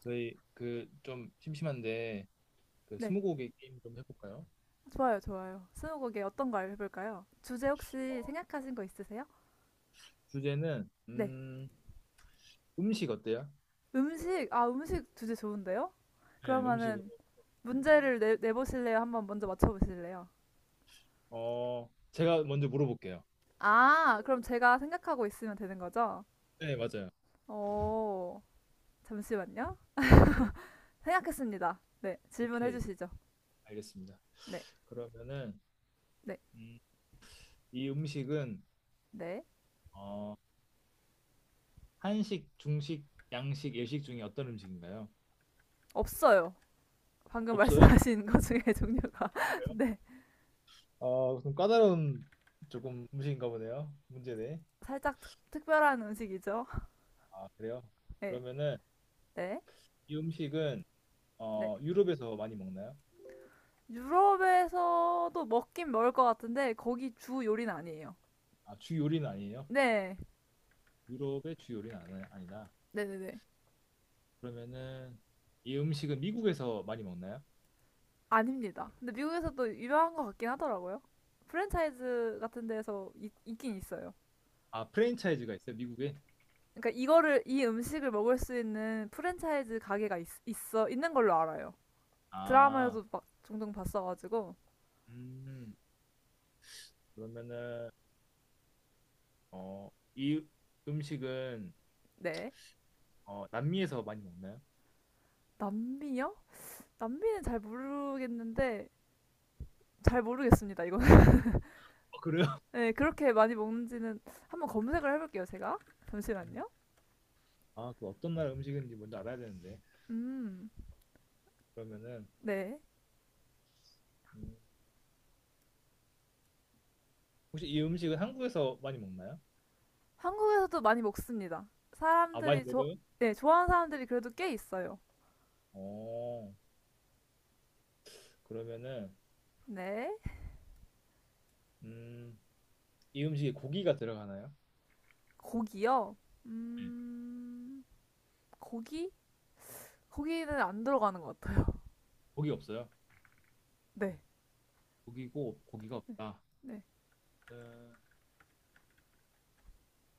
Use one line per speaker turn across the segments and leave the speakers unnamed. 저희 좀 심심한데 그
네,
스무고개 게임 좀 해볼까요?
좋아요, 좋아요. 스무고개 어떤 거 해볼까요? 주제 혹시 생각하신 거 있으세요?
주제는
네,
음식 어때요?
음식, 아, 음식 주제 좋은데요?
네, 음식으로.
그러면은
네.
문제를 내보실래요? 한번 먼저 맞춰보실래요?
제가 먼저 물어볼게요.
아, 그럼 제가 생각하고 있으면 되는 거죠?
네, 맞아요.
오, 잠시만요.
네,
생각했습니다. 네, 질문해
오케이,
주시죠.
알겠습니다.
네,
그러면은
네,
음, 이 음식은
네.
어, 한식, 중식, 양식, 일식 중에 어떤 음식인가요?
없어요. 방금
없어요?
말씀하신 것 중에 종류가.
그래요?
네,
어, 좀 까다로운 조금 음식인가 보네요. 문제네.
살짝 특별한 음식이죠?
아, 그래요?
네,
그러면은
네,
이 음식은
네.
유럽에서 많이 먹나요?
유럽에서도 먹긴 먹을 것 같은데 거기 주 요리는 아니에요.
아, 주 요리는 아니에요?
네,
유럽의 주 요리는 아니다.
네네네.
그러면은 이 음식은 미국에서 많이 먹나요?
아닙니다. 근데 미국에서도 유명한 것 같긴 하더라고요. 프랜차이즈 같은 데서 있긴 있어요.
아, 프랜차이즈가 있어요, 미국에?
그러니까 이거를 이 음식을 먹을 수 있는 프랜차이즈 가게가 있, 있어 있는 걸로 알아요.
아,
드라마에도 막 종종 봤어가지고
음, 그러면은 어, 이 음식은
네.
남미에서 많이 먹나요?
남미요? 남미는 잘 모르겠는데 잘 모르겠습니다 이거는.
어, 그래요?
네, 그렇게 많이 먹는지는 한번 검색을 해볼게요 제가.
음.
잠시만요.
아, 그 어떤 나라 음식인지 먼저 알아야 되는데.
음.
그러면은
네.
음, 혹시 이 음식은 한국에서 많이 먹나요?
한국에서도 많이 먹습니다.
아, 많이
사람들이 조,
먹어요?
네, 좋아하는 사람들이 그래도 꽤 있어요.
어, 그러면은
네.
음, 이 음식에 고기가 들어가나요?
고기요. 음, 고기? 고기는 안 들어가는 것 같아요.
고기 없어요.
네.
고기고 고기가 없다.
네.
음,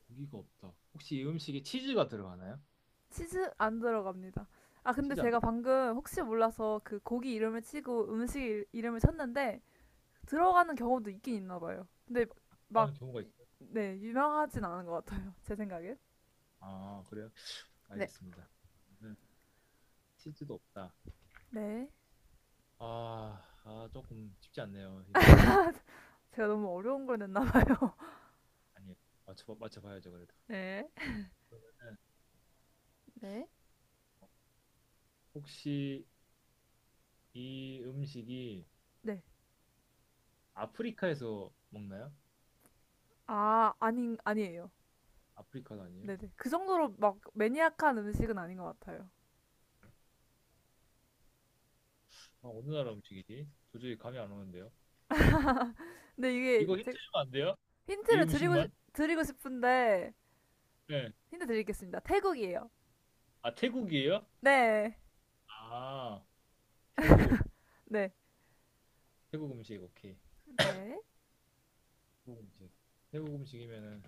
고기가 없다. 혹시 이 음식에 치즈가 들어가나요?
치즈 안 들어갑니다. 아,
아,
근데
치즈 안
제가 방금 혹시 몰라서 그 고기 이름을 치고 음식 이름을 쳤는데 들어가는 경우도 있긴 있나 봐요. 근데
들어가는
막,
경우가 있어요.
네, 유명하진 않은 것 같아요. 제 생각엔.
아, 그래요?
네.
알겠습니다. 그러면은 치즈도 없다.
네.
아, 조금 쉽지 않네요, 이 문제.
제가 너무 어려운 걸 냈나 봐요.
아니, 맞춰봐야죠, 그래도.
네.
그러면은
네.
혹시 이 음식이
네.
아프리카에서 먹나요?
아니에요.
아프리카도 아니에요?
네네. 그 정도로 막 매니악한 음식은 아닌 것 같아요.
아, 어느 나라 음식이지? 도저히 감이 안 오는데요.
근데 이게
이거 힌트
제
주면 안 돼요? 이
힌트를
음식만?
드리고 싶은데,
네.
힌트 드리겠습니다. 태국이에요.
아, 태국이에요?
네.
아, 태국.
네.
태국 음식, 오케이.
네.
태국 음식. 태국 음식이면은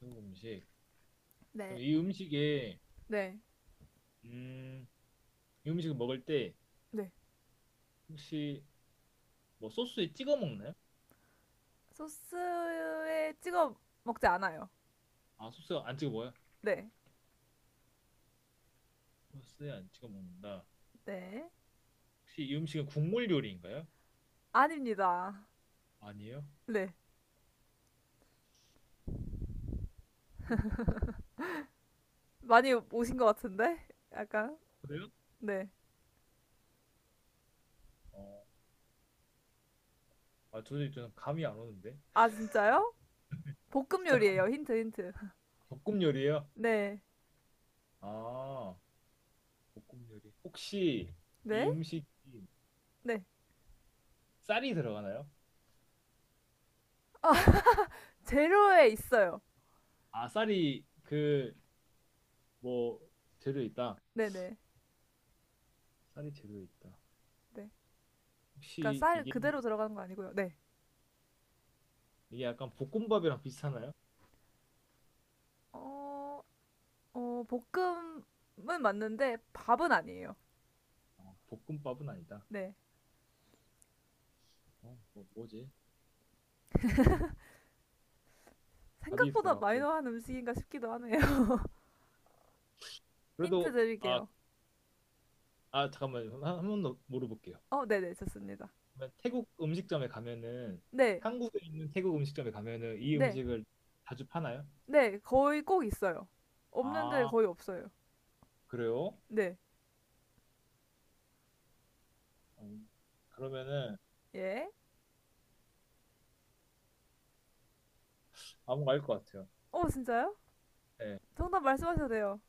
태국 음식.
네.
그럼 이 음식에
네.
음, 이 음식을 먹을 때
네.
혹시 뭐 소스에 찍어 먹나요?
소스에 찍어 먹지 않아요.
아, 소스 안 찍어 먹어요?
네.
소스에 안 찍어 먹는다.
네.
혹시 이 음식은 국물 요리인가요?
아닙니다.
아니에요.
네.
국물 요리도 아니다.
많이 오신 것 같은데? 약간.
그래요?
네.
어, 아, 도저히 저는 감이 안 오는데.
아, 진짜요? 볶음
진짜 감이
요리예요. 힌트, 힌트.
볶음 요리예요?
네.
아, 볶음 요리. 혹시 이
네.
음식이
네.
쌀이 들어가나요?
아, 재료에 있어요.
아, 쌀이 뭐 재료에 있다.
네네.
쌀이 재료에 있다.
네. 그러니까
혹시
쌀 그대로 들어가는 거 아니고요. 네.
이게 약간 볶음밥이랑 비슷하나요?
어, 볶음은 맞는데 밥은 아니에요.
어, 볶음밥은 아니다.
네.
어, 뭐지? 밥이
생각보다
들어갔고
마이너한 음식인가 싶기도 하네요. 힌트
그래도 아,
드릴게요.
아 잠깐만 한번더 물어볼게요.
네네, 좋습니다.
그러면 태국 음식점에 가면은
네,
한국에 있는 태국 음식점에 가면은 이
네,
음식을 자주 파나요?
네, 거의 꼭 있어요. 없는데
아
거의 없어요.
그래요?
네,
음, 그러면은
예.
아무 거알것 같아요.
어, 진짜요?
네,
정답 말씀하셔도 돼요.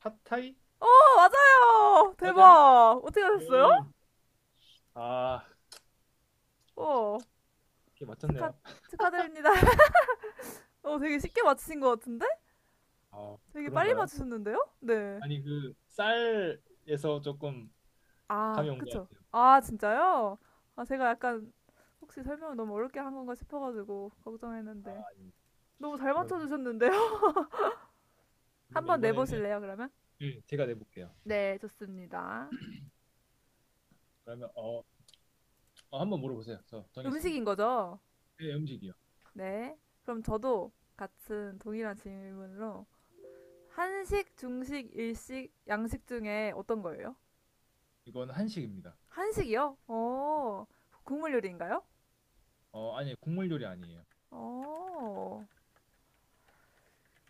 팟타이
어, 맞아요!
맞아요?
대박! 어떻게 하셨어요?
오, 아
어,
어떻게
축하,
맞췄네요.
축하드립니다. 어, 되게 쉽게 맞추신 것 같은데?
아
되게 빨리
그런가요?
맞추셨는데요? 네.
아니 그 쌀에서 조금 감이
아,
온 것
그쵸.
같아요.
아, 진짜요? 아, 제가 약간 혹시 설명을 너무 어렵게 한 건가 싶어가지고
아,
걱정했는데.
예.
너무 잘
그럼,
맞춰주셨는데요?
그러면
한번
이번에는
내보실래요, 그러면?
예, 제가 내볼게요.
네, 좋습니다.
그러면 어, 한번 물어보세요. 저
음식인
정했습니다.
거죠?
네, 음식이요.
네. 그럼 저도 같은 동일한 질문으로 한식, 중식, 일식, 양식 중에 어떤 거예요?
이건 한식입니다.
한식이요? 어, 국물 요리인가요?
어, 아니, 국물 요리 아니에요.
어.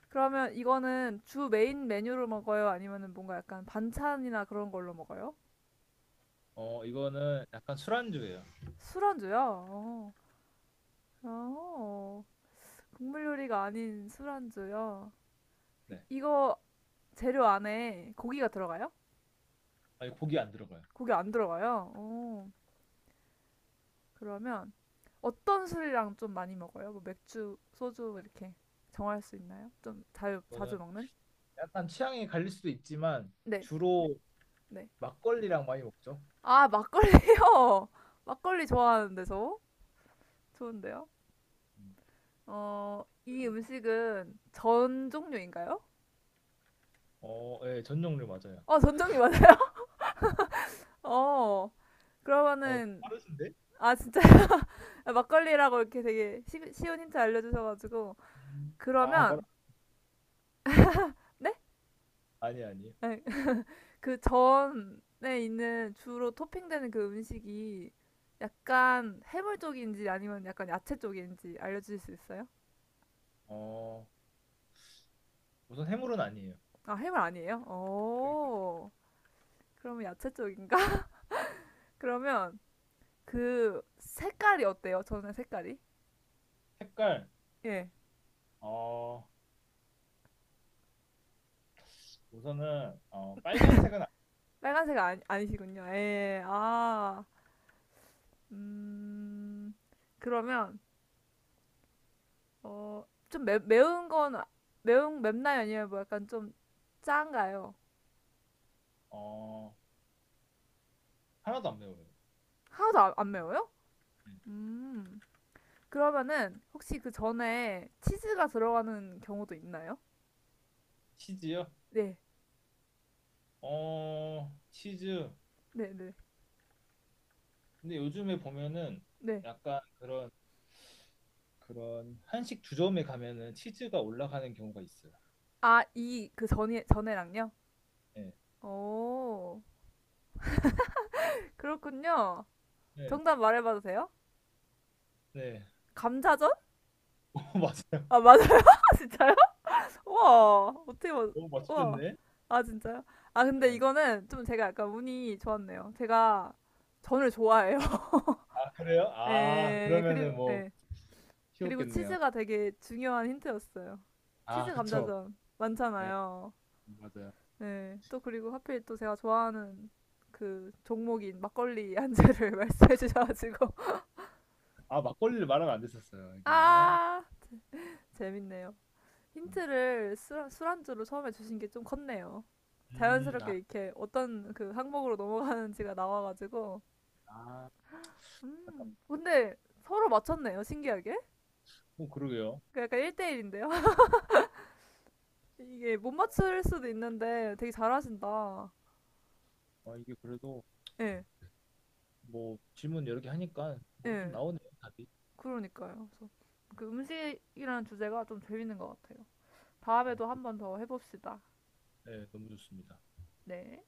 그러면 이거는 주 메인 메뉴로 먹어요? 아니면은 뭔가 약간 반찬이나 그런 걸로 먹어요?
어, 이거는 약간 술안주예요.
술안주요? 어. 어. 국물 요리가 아닌 술안주요.
네.
이거 재료 안에 고기가 들어가요?
아니, 고기 안 들어가요.
고기 안 들어가요? 어. 그러면 어떤 술이랑 좀 많이 먹어요? 뭐 맥주, 소주 이렇게 정할 수 있나요? 좀 자주
이거는
먹는?
약간 취향이 갈릴 수도 있지만
네,
주로
네.
막걸리랑 많이 먹죠.
아, 막걸리요! 막걸리 좋아하는데 저? 좋은데요?
음,
어, 이
막걸리.
음식은 전 종류인가요?
어, 예, 전 종류 맞아요.
어, 전 종류 맞아요? 어,
어,
그러면은,
빠르신데?
아, 진짜, 막걸리라고 이렇게 되게 쉬운 힌트 알려주셔가지고.
아, 바로
그러면, 네?
아니, 아니에요.
네. 그 전에 있는 주로 토핑되는 그 음식이 약간 해물 쪽인지 아니면 약간 야채 쪽인지 알려주실 수 있어요?
어, 우선 해물은 아니에요.
아, 해물 아니에요?
여기까지.
오, 그러면 야채 쪽인가? 그러면 그 색깔이 어때요? 저는 색깔이?
색깔,
예.
어, 우선은 빨간색은
빨간색 아니, 아니시군요. 예, 예. 아, 음, 그러면, 어, 좀 매운 건, 매운, 맵나요? 아니면 뭐 약간 좀 짠가요?
어, 하나도 안 매워요.
하나도 안 매워요?
음.
음, 그러면은, 혹시 그 전에 치즈가 들어가는 경우도 있나요?
치즈요?
네,
어, 치즈.
네, 네,
근데 요즘에 보면은
네.
약간 그런 그런 한식 주점에 가면은 치즈가 올라가는 경우가 있어요.
아, 이, 그 전에, 전에랑요?
네,
오, 그렇군요.
네,
정답 말해봐도 돼요?
네.
감자전?
맞아요.
아, 맞아요, 진짜. 우와, 어떻게, 맞...
너무
우와.
맞추셨네.
아, 진짜요? 아, 근데
네.
이거는 좀 제가 약간 운이 좋았네요. 제가 전을 좋아해요.
아, 그래요? 아,
예,
그러면은
그리고,
뭐
예. 그리고
쉬웠겠네요.
치즈가 되게 중요한 힌트였어요.
아,
치즈
그쵸.
감자전
네,
많잖아요.
맞아요.
네. 또 그리고 하필 또 제가 좋아하는 그 종목인 막걸리 안주를 말씀해 주셔가지고.
아, 막걸리를 말하면 안 됐었어요. 이거 아,
아! 재밌네요. 힌트를 술안주로 처음에 주신 게 좀 컸네요.
아,
자연스럽게 이렇게 어떤 그 항목으로 넘어가는지가 나와가지고.
아,
음.
잠깐만.
근데 서로 맞췄네요, 신기하게.
어, 그러게요.
그 약간 1대1인데요? 이게 못 맞출 수도 있는데 되게 잘하신다.
아, 이게 그래도
예,
뭐 질문 여러 개 하니까 뭐 좀
예.
나오네요 답이.
그러니까요. 그래서 그 음식이라는 주제가 좀 재밌는 것 같아요.
네,
다음에도 한 번 더 해봅시다.
네, 너무 좋습니다.
네.